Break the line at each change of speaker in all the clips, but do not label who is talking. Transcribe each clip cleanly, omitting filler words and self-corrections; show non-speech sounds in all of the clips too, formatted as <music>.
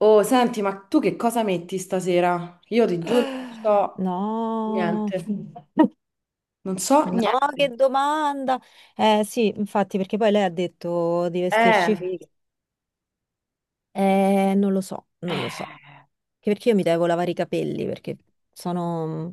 Oh, senti, ma tu che cosa metti stasera? Io ti giuro, non so
No,
niente. Non so
no,
niente.
che domanda. Eh sì, infatti, perché poi lei ha detto di vestirci
Eh,
fighe. Non lo so, non lo so. Anche
eh,
perché io mi devo lavare i capelli, perché sono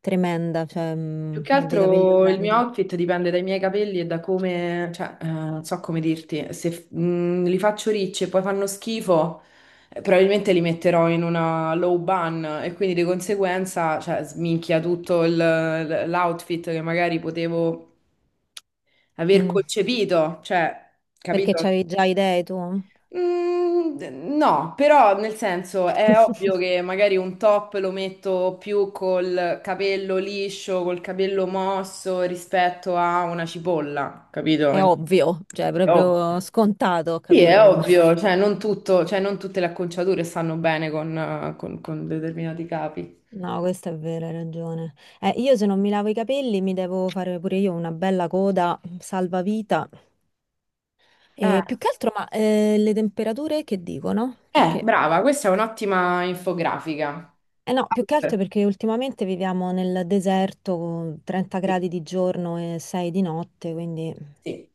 tremenda, cioè
Più che
ho dei capelli
altro il mio
orrendi.
outfit dipende dai miei capelli e da come, cioè, non so come dirti, se li faccio ricci e poi fanno schifo, probabilmente li metterò in una low bun e quindi di conseguenza, cioè, sminchia tutto l'outfit che magari potevo aver
Mm.
concepito, cioè,
Perché
capito?
c'avevi già idee tu?
Mm, no, però nel senso è ovvio
<laughs>
che magari un top lo metto più col capello liscio, col capello mosso rispetto a una cipolla, capito?
È ovvio, cioè è
È ovvio.
proprio scontato, ho
Sì, è
capito? Vabbè.
ovvio, cioè non tutto, cioè non tutte le acconciature stanno bene con, con determinati capi.
No, questa è vera, hai ragione. Io se non mi lavo i capelli mi devo fare pure io una bella coda salvavita.
Eh,
E più che altro, ma le temperature che dicono? Perché...
Brava, questa è un'ottima infografica.
Eh no, più che altro perché ultimamente viviamo nel deserto con 30
Sì.
gradi di giorno e 6 di notte, quindi...
Sì.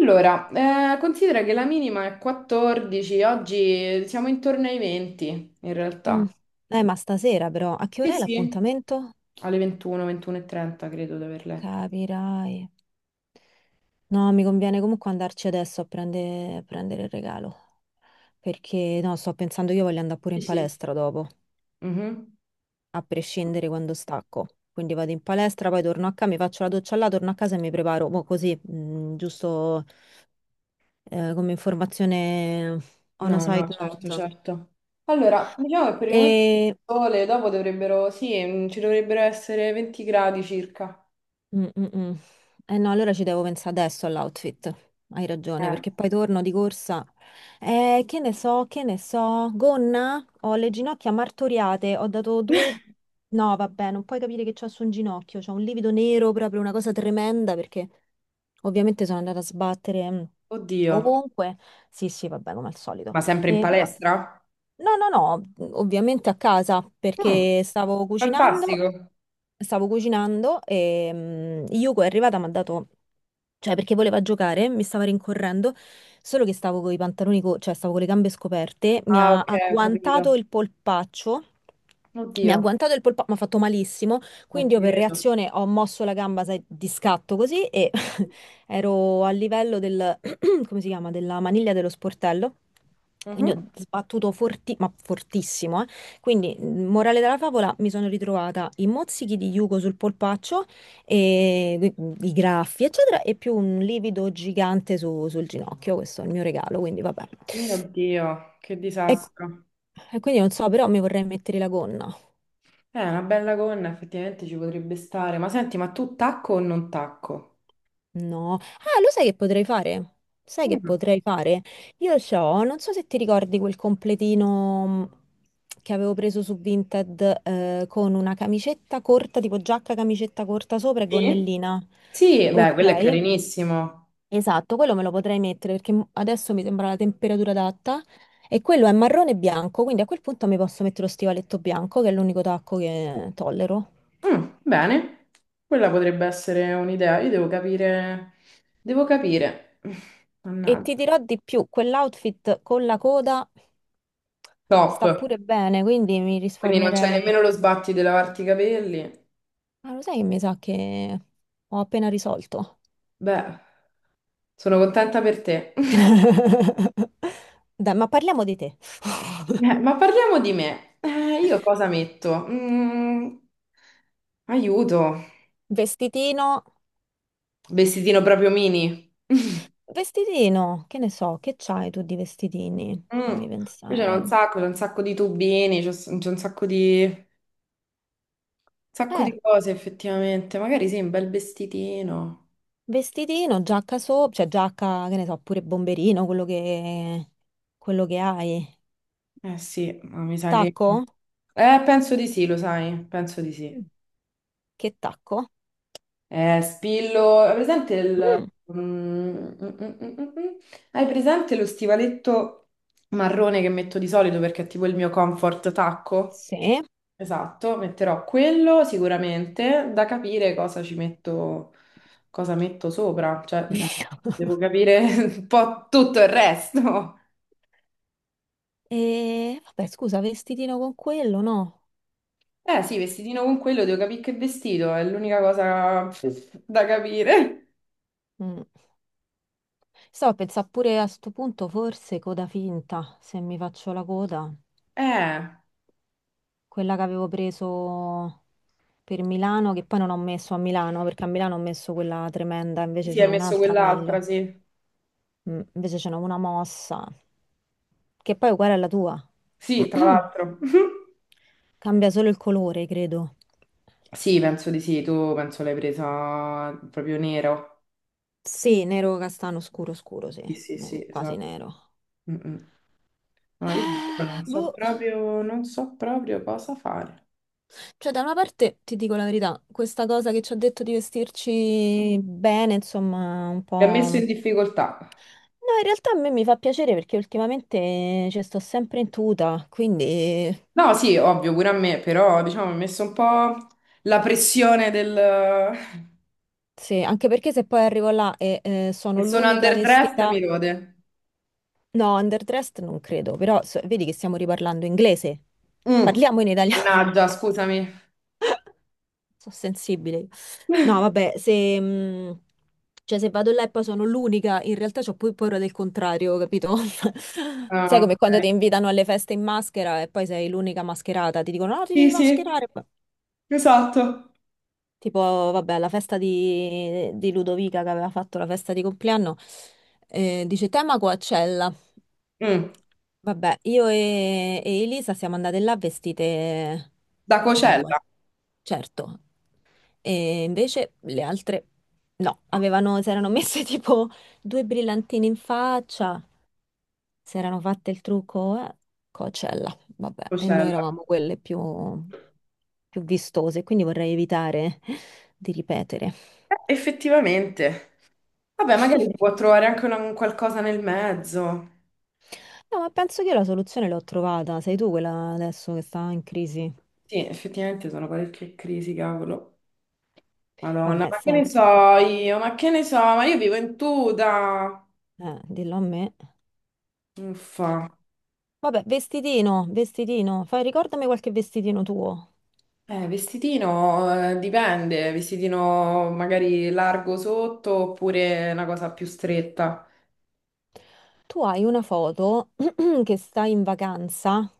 Allora, considera che la minima è 14, oggi siamo intorno ai 20 in
Mm.
realtà.
Ma stasera però, a che
Sì,
ora è
sì.
l'appuntamento?
Alle 21, 21:30 credo di aver letto.
Capirai. No, mi conviene comunque andarci adesso a a prendere il regalo. Perché no, sto pensando io voglio andare pure
Sì,
in
sì.
palestra dopo,
Mhm.
a prescindere quando stacco. Quindi vado in palestra, poi torno a casa, mi faccio la doccia là, torno a casa e mi preparo. Mo' così, giusto come informazione on a
No, no,
side
certo,
note.
certo. Allora, diciamo che per il momento il sole, dopo dovrebbero, sì, ci dovrebbero essere 20 gradi circa.
Mm, mm, mm. Eh no, allora ci devo pensare adesso all'outfit. Hai ragione,
Eh.
perché poi torno di corsa. Che ne so, che ne so. Gonna? Ho le ginocchia martoriate. Ho dato due...
<laughs>
No, vabbè, non puoi capire che c'ho su un ginocchio. C'ho un livido nero, proprio una cosa tremenda, perché ovviamente sono andata a sbattere
Oddio,
ovunque. Sì, sì, vabbè, come al solito.
ma sempre in
Però...
palestra?
No, no, no, ovviamente a casa,
Mm,
perché stavo cucinando.
Fantastico.
Stavo cucinando e Yuko è arrivata e mi ha dato, cioè, perché voleva giocare, mi stava rincorrendo, solo che stavo con i pantaloni, cioè stavo con le gambe scoperte, mi
Ah,
ha
ok, ho capito.
agguantato il polpaccio, mi ha
Oddio,
agguantato il polpaccio, mi ha fatto malissimo,
ma
quindi
ti
io per
credo.
reazione ho mosso la gamba, sai, di scatto così e <laughs> ero a livello del, <clears throat> come si chiama, della maniglia dello sportello, quindi
Mhm.
ho sbattuto ma fortissimo, eh. Quindi, morale della favola, mi sono ritrovata i mozzichi di Yugo sul polpaccio e i graffi, eccetera, e più un livido gigante sul ginocchio. Questo è il mio regalo, quindi vabbè.
Mio Dio, che
E,
disastro.
e quindi non so, però mi vorrei mettere la gonna.
Una bella gonna effettivamente ci potrebbe stare. Ma senti, ma tu tacco o non tacco?
No. Ah, lo sai che potrei fare? Sai che
Mm.
potrei fare? Io c'ho, non so se ti ricordi quel completino che avevo preso su Vinted con una camicetta corta, tipo giacca, camicetta corta sopra e
Sì?
gonnellina.
Sì, beh,
Ok.
quello è carinissimo.
Esatto, quello me lo potrei mettere perché adesso mi sembra la temperatura adatta e quello è marrone e bianco, quindi a quel punto mi posso mettere lo stivaletto bianco, che è l'unico tacco che tollero.
Bene, quella potrebbe essere un'idea. Io devo capire. Devo capire. <laughs> <sighs>
E ti
Mannaggia.
dirò di più, quell'outfit con la coda
Top.
sta pure bene, quindi mi
Quindi non c'è nemmeno
risparmierei...
lo sbatti di lavarti i capelli.
Ma lo sai che mi sa che ho appena risolto?
Beh, sono contenta per te. <laughs>
<laughs> Dai, ma parliamo di te.
Ma parliamo di me. Io cosa metto? Aiuto.
Vestitino,
Vestitino proprio mini. <laughs>
vestitino, che ne so, che c'hai tu di vestitini?
Mm.
Fammi
Qui
pensare.
c'è un sacco di tubini, c'è un sacco di, un sacco
Eh.
di cose effettivamente. Magari sì, un bel vestitino.
Vestitino, giacca sopra, cioè giacca, che ne so, pure bomberino, quello che hai.
Eh sì, ma mi sa che...
Tacco?
Penso di sì, lo sai, penso di
Mm,
sì.
che tacco?
Spillo... Hai presente il...
Mm,
Mm, mm, mm, mm, mm. Mm? Hai presente lo stivaletto marrone che metto di solito perché è tipo il mio comfort tacco?
sì.
Esatto, metterò quello sicuramente, da capire cosa ci metto, cosa metto sopra, cioè devo
<laughs>
capire <laughs> un po' tutto il resto.
E vabbè, scusa, vestitino con quello, no?
Eh sì, vestitino con quello, devo capire che vestito, è l'unica cosa <laughs> da capire.
Mm. Stavo a pensare pure a sto punto, forse coda finta, se mi faccio la coda.
Eh,
Quella che avevo preso per Milano, che poi non ho messo a Milano, perché a Milano ho messo quella tremenda, invece
sì,
ce
hai
n'ho
messo
un'altra
quell'altra,
meglio.
sì.
Invece c'è una mossa, che poi è uguale alla tua.
Sì, tra
<clears throat>
l'altro. <laughs>
Cambia solo il colore, credo.
Sì, penso di sì, tu penso l'hai presa proprio nero.
Sì, nero castano scuro scuro, sì,
Sì, sì, sì,
Quasi
esatto.
nero.
Mm, mm. Ma io
Eh,
non so
boh,
proprio, non so proprio cosa fare.
cioè da una parte ti dico la verità, questa cosa che ci ha detto di vestirci bene, insomma, un po'...
Mi ha messo in
No,
difficoltà.
in realtà a me mi fa piacere perché ultimamente ci sto sempre in tuta, quindi
No, sì, ovvio, pure a me, però diciamo mi ha messo un po' la pressione del... <laughs>
sì, anche perché se poi arrivo là e
che
sono
sono
l'unica
underdressed,
vestita...
mi rode.
No, underdressed non credo, però vedi che stiamo riparlando inglese.
Mm.
Parliamo in italiano.
Mannaggia,
<laughs>
scusami.
Sono sensibile. Io. No, vabbè, se, cioè, se vado là e poi sono l'unica, in realtà ho poi paura del contrario, capito? <laughs> Sai
Ah,
come quando
ok.
ti invitano alle feste in maschera e poi sei l'unica mascherata, ti dicono no, ti
Sì,
devi
sì,
mascherare.
esatto.
Tipo, vabbè, la festa di Ludovica che aveva fatto la festa di compleanno, dice tema Coachella.
Mm.
Vabbè, io e Elisa siamo andate là vestite
Da
da qua,
Cocella.
certo. E invece le altre no, avevano, si erano messe <laughs> tipo due brillantini in faccia si erano fatte il trucco a Coachella, vabbè, e noi
Cocella.
eravamo quelle più, più vistose, quindi vorrei evitare di ripetere.
Effettivamente. Vabbè, magari si può trovare anche un qualcosa nel mezzo.
No, ma penso che io la soluzione l'ho trovata, sei tu quella adesso che sta in crisi.
Sì, effettivamente sono parecchie crisi, cavolo. Madonna,
Vabbè,
ma che ne so
senti,
io? Ma che ne so? Ma io vivo in tuta.
dillo a me.
Uffa.
Vabbè, vestitino, vestitino, fai, ricordami qualche vestitino tuo.
Vestitino, dipende, vestitino magari largo sotto oppure una cosa più stretta.
Tu hai una foto <clears throat> che stai in vacanza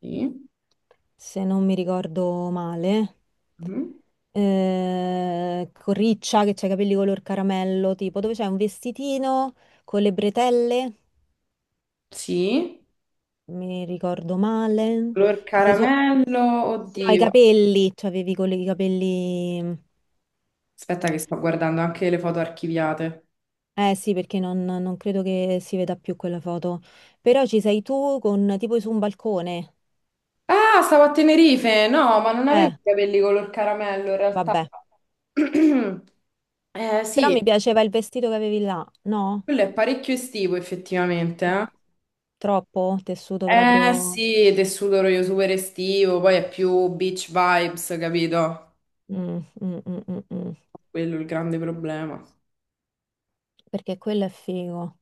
Sì.
se non mi ricordo male,
Mhm.
con Riccia che c'ha i capelli color caramello, tipo dove c'è un vestitino con le bretelle,
Sì.
mi ricordo male,
Color
che sei su...
caramello,
No, i
oddio.
capelli, cioè avevi con i capelli...
Aspetta che sto guardando anche le foto archiviate.
Eh sì, perché non credo che si veda più quella foto. Però ci sei tu con tipo su un balcone.
Ah, stavo a Tenerife. No, ma non avevo
Eh,
i capelli color caramello in realtà.
vabbè.
<clears throat>
Però
Sì,
mi piaceva il vestito che avevi là, no?
quello è parecchio estivo effettivamente,
Mm.
eh.
Troppo tessuto
Eh
proprio.
sì, tessuto io super estivo, poi è più beach vibes, capito?
Mm, mm, mm, mm, mm.
Quello è il grande problema.
Perché quello è figo.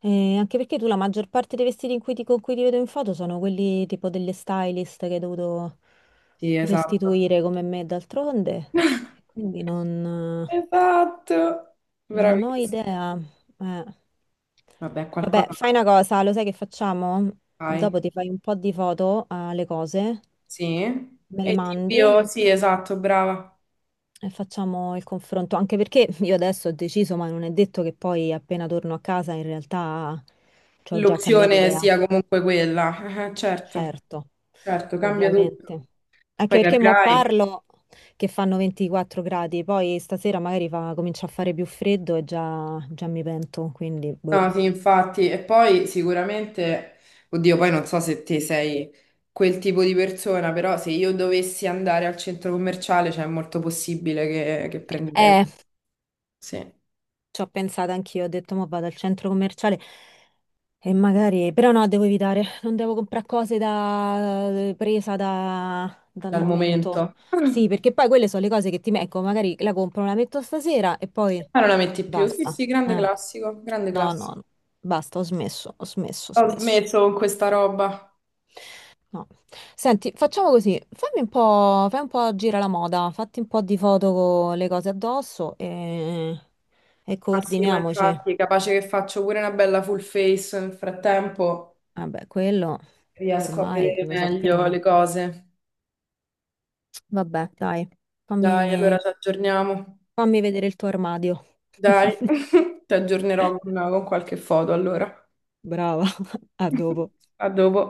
E anche perché tu la maggior parte dei vestiti in cui con cui ti vedo in foto sono quelli tipo delle stylist che hai dovuto
Sì, esatto.
restituire come me d'altronde.
<laughs>
E quindi non,
Esatto,
non ho
bravissimo.
idea. Eh.
Vabbè,
Vabbè,
qualcosa
fai una cosa, lo sai che facciamo?
fai.
Dopo ti fai un po' di foto alle cose,
Sì.
me le
E
mandi.
tipo, sì, esatto, brava.
E facciamo il confronto, anche perché <laughs> io adesso ho deciso, ma non è detto che poi appena torno a casa in realtà ci ho già cambiato
L'opzione
idea.
sia comunque quella. <laughs> Certo,
Certo,
certo, cambia tutto.
ovviamente. Anche
Poi
perché mo
capirai.
parlo che fanno 24 gradi, poi stasera magari comincia a fare più freddo e già mi pento, quindi boh.
No, sì, infatti, e poi sicuramente, oddio, poi non so se te sei quel tipo di persona, però se io dovessi andare al centro commerciale, cioè è molto possibile che prenderei,
Eh,
sì,
Ci ho pensato anch'io, ho detto, ma vado al centro commerciale e magari, però no, devo evitare, non devo comprare cose da... presa dal
dal
momento.
momento.
Sì,
<clears throat>
perché poi quelle sono le cose che ti ecco, magari la compro, la metto stasera e poi
Ma non la metti più? Sì,
basta.
sì, grande
Eh.
classico, grande
No, no,
classico.
no. Basta, ho smesso, ho smesso, ho
Ho
smesso.
smesso con questa roba.
No. Senti, facciamo così, fammi un po', fai un po' gira la moda, fatti un po' di foto con le cose addosso e
Ah sì, ma
coordiniamoci.
infatti, capace che faccio pure una bella full face, nel frattempo
Vabbè, quello
riesco a
ormai
vedere
lo
meglio le
sappiamo.
cose.
Vabbè, dai,
Dai, allora
fammi,
ci aggiorniamo.
fammi vedere il tuo armadio.
Dai,
<laughs>
<laughs> ti aggiornerò con qualche foto allora.
Brava, <laughs> a dopo.
<laughs> A dopo.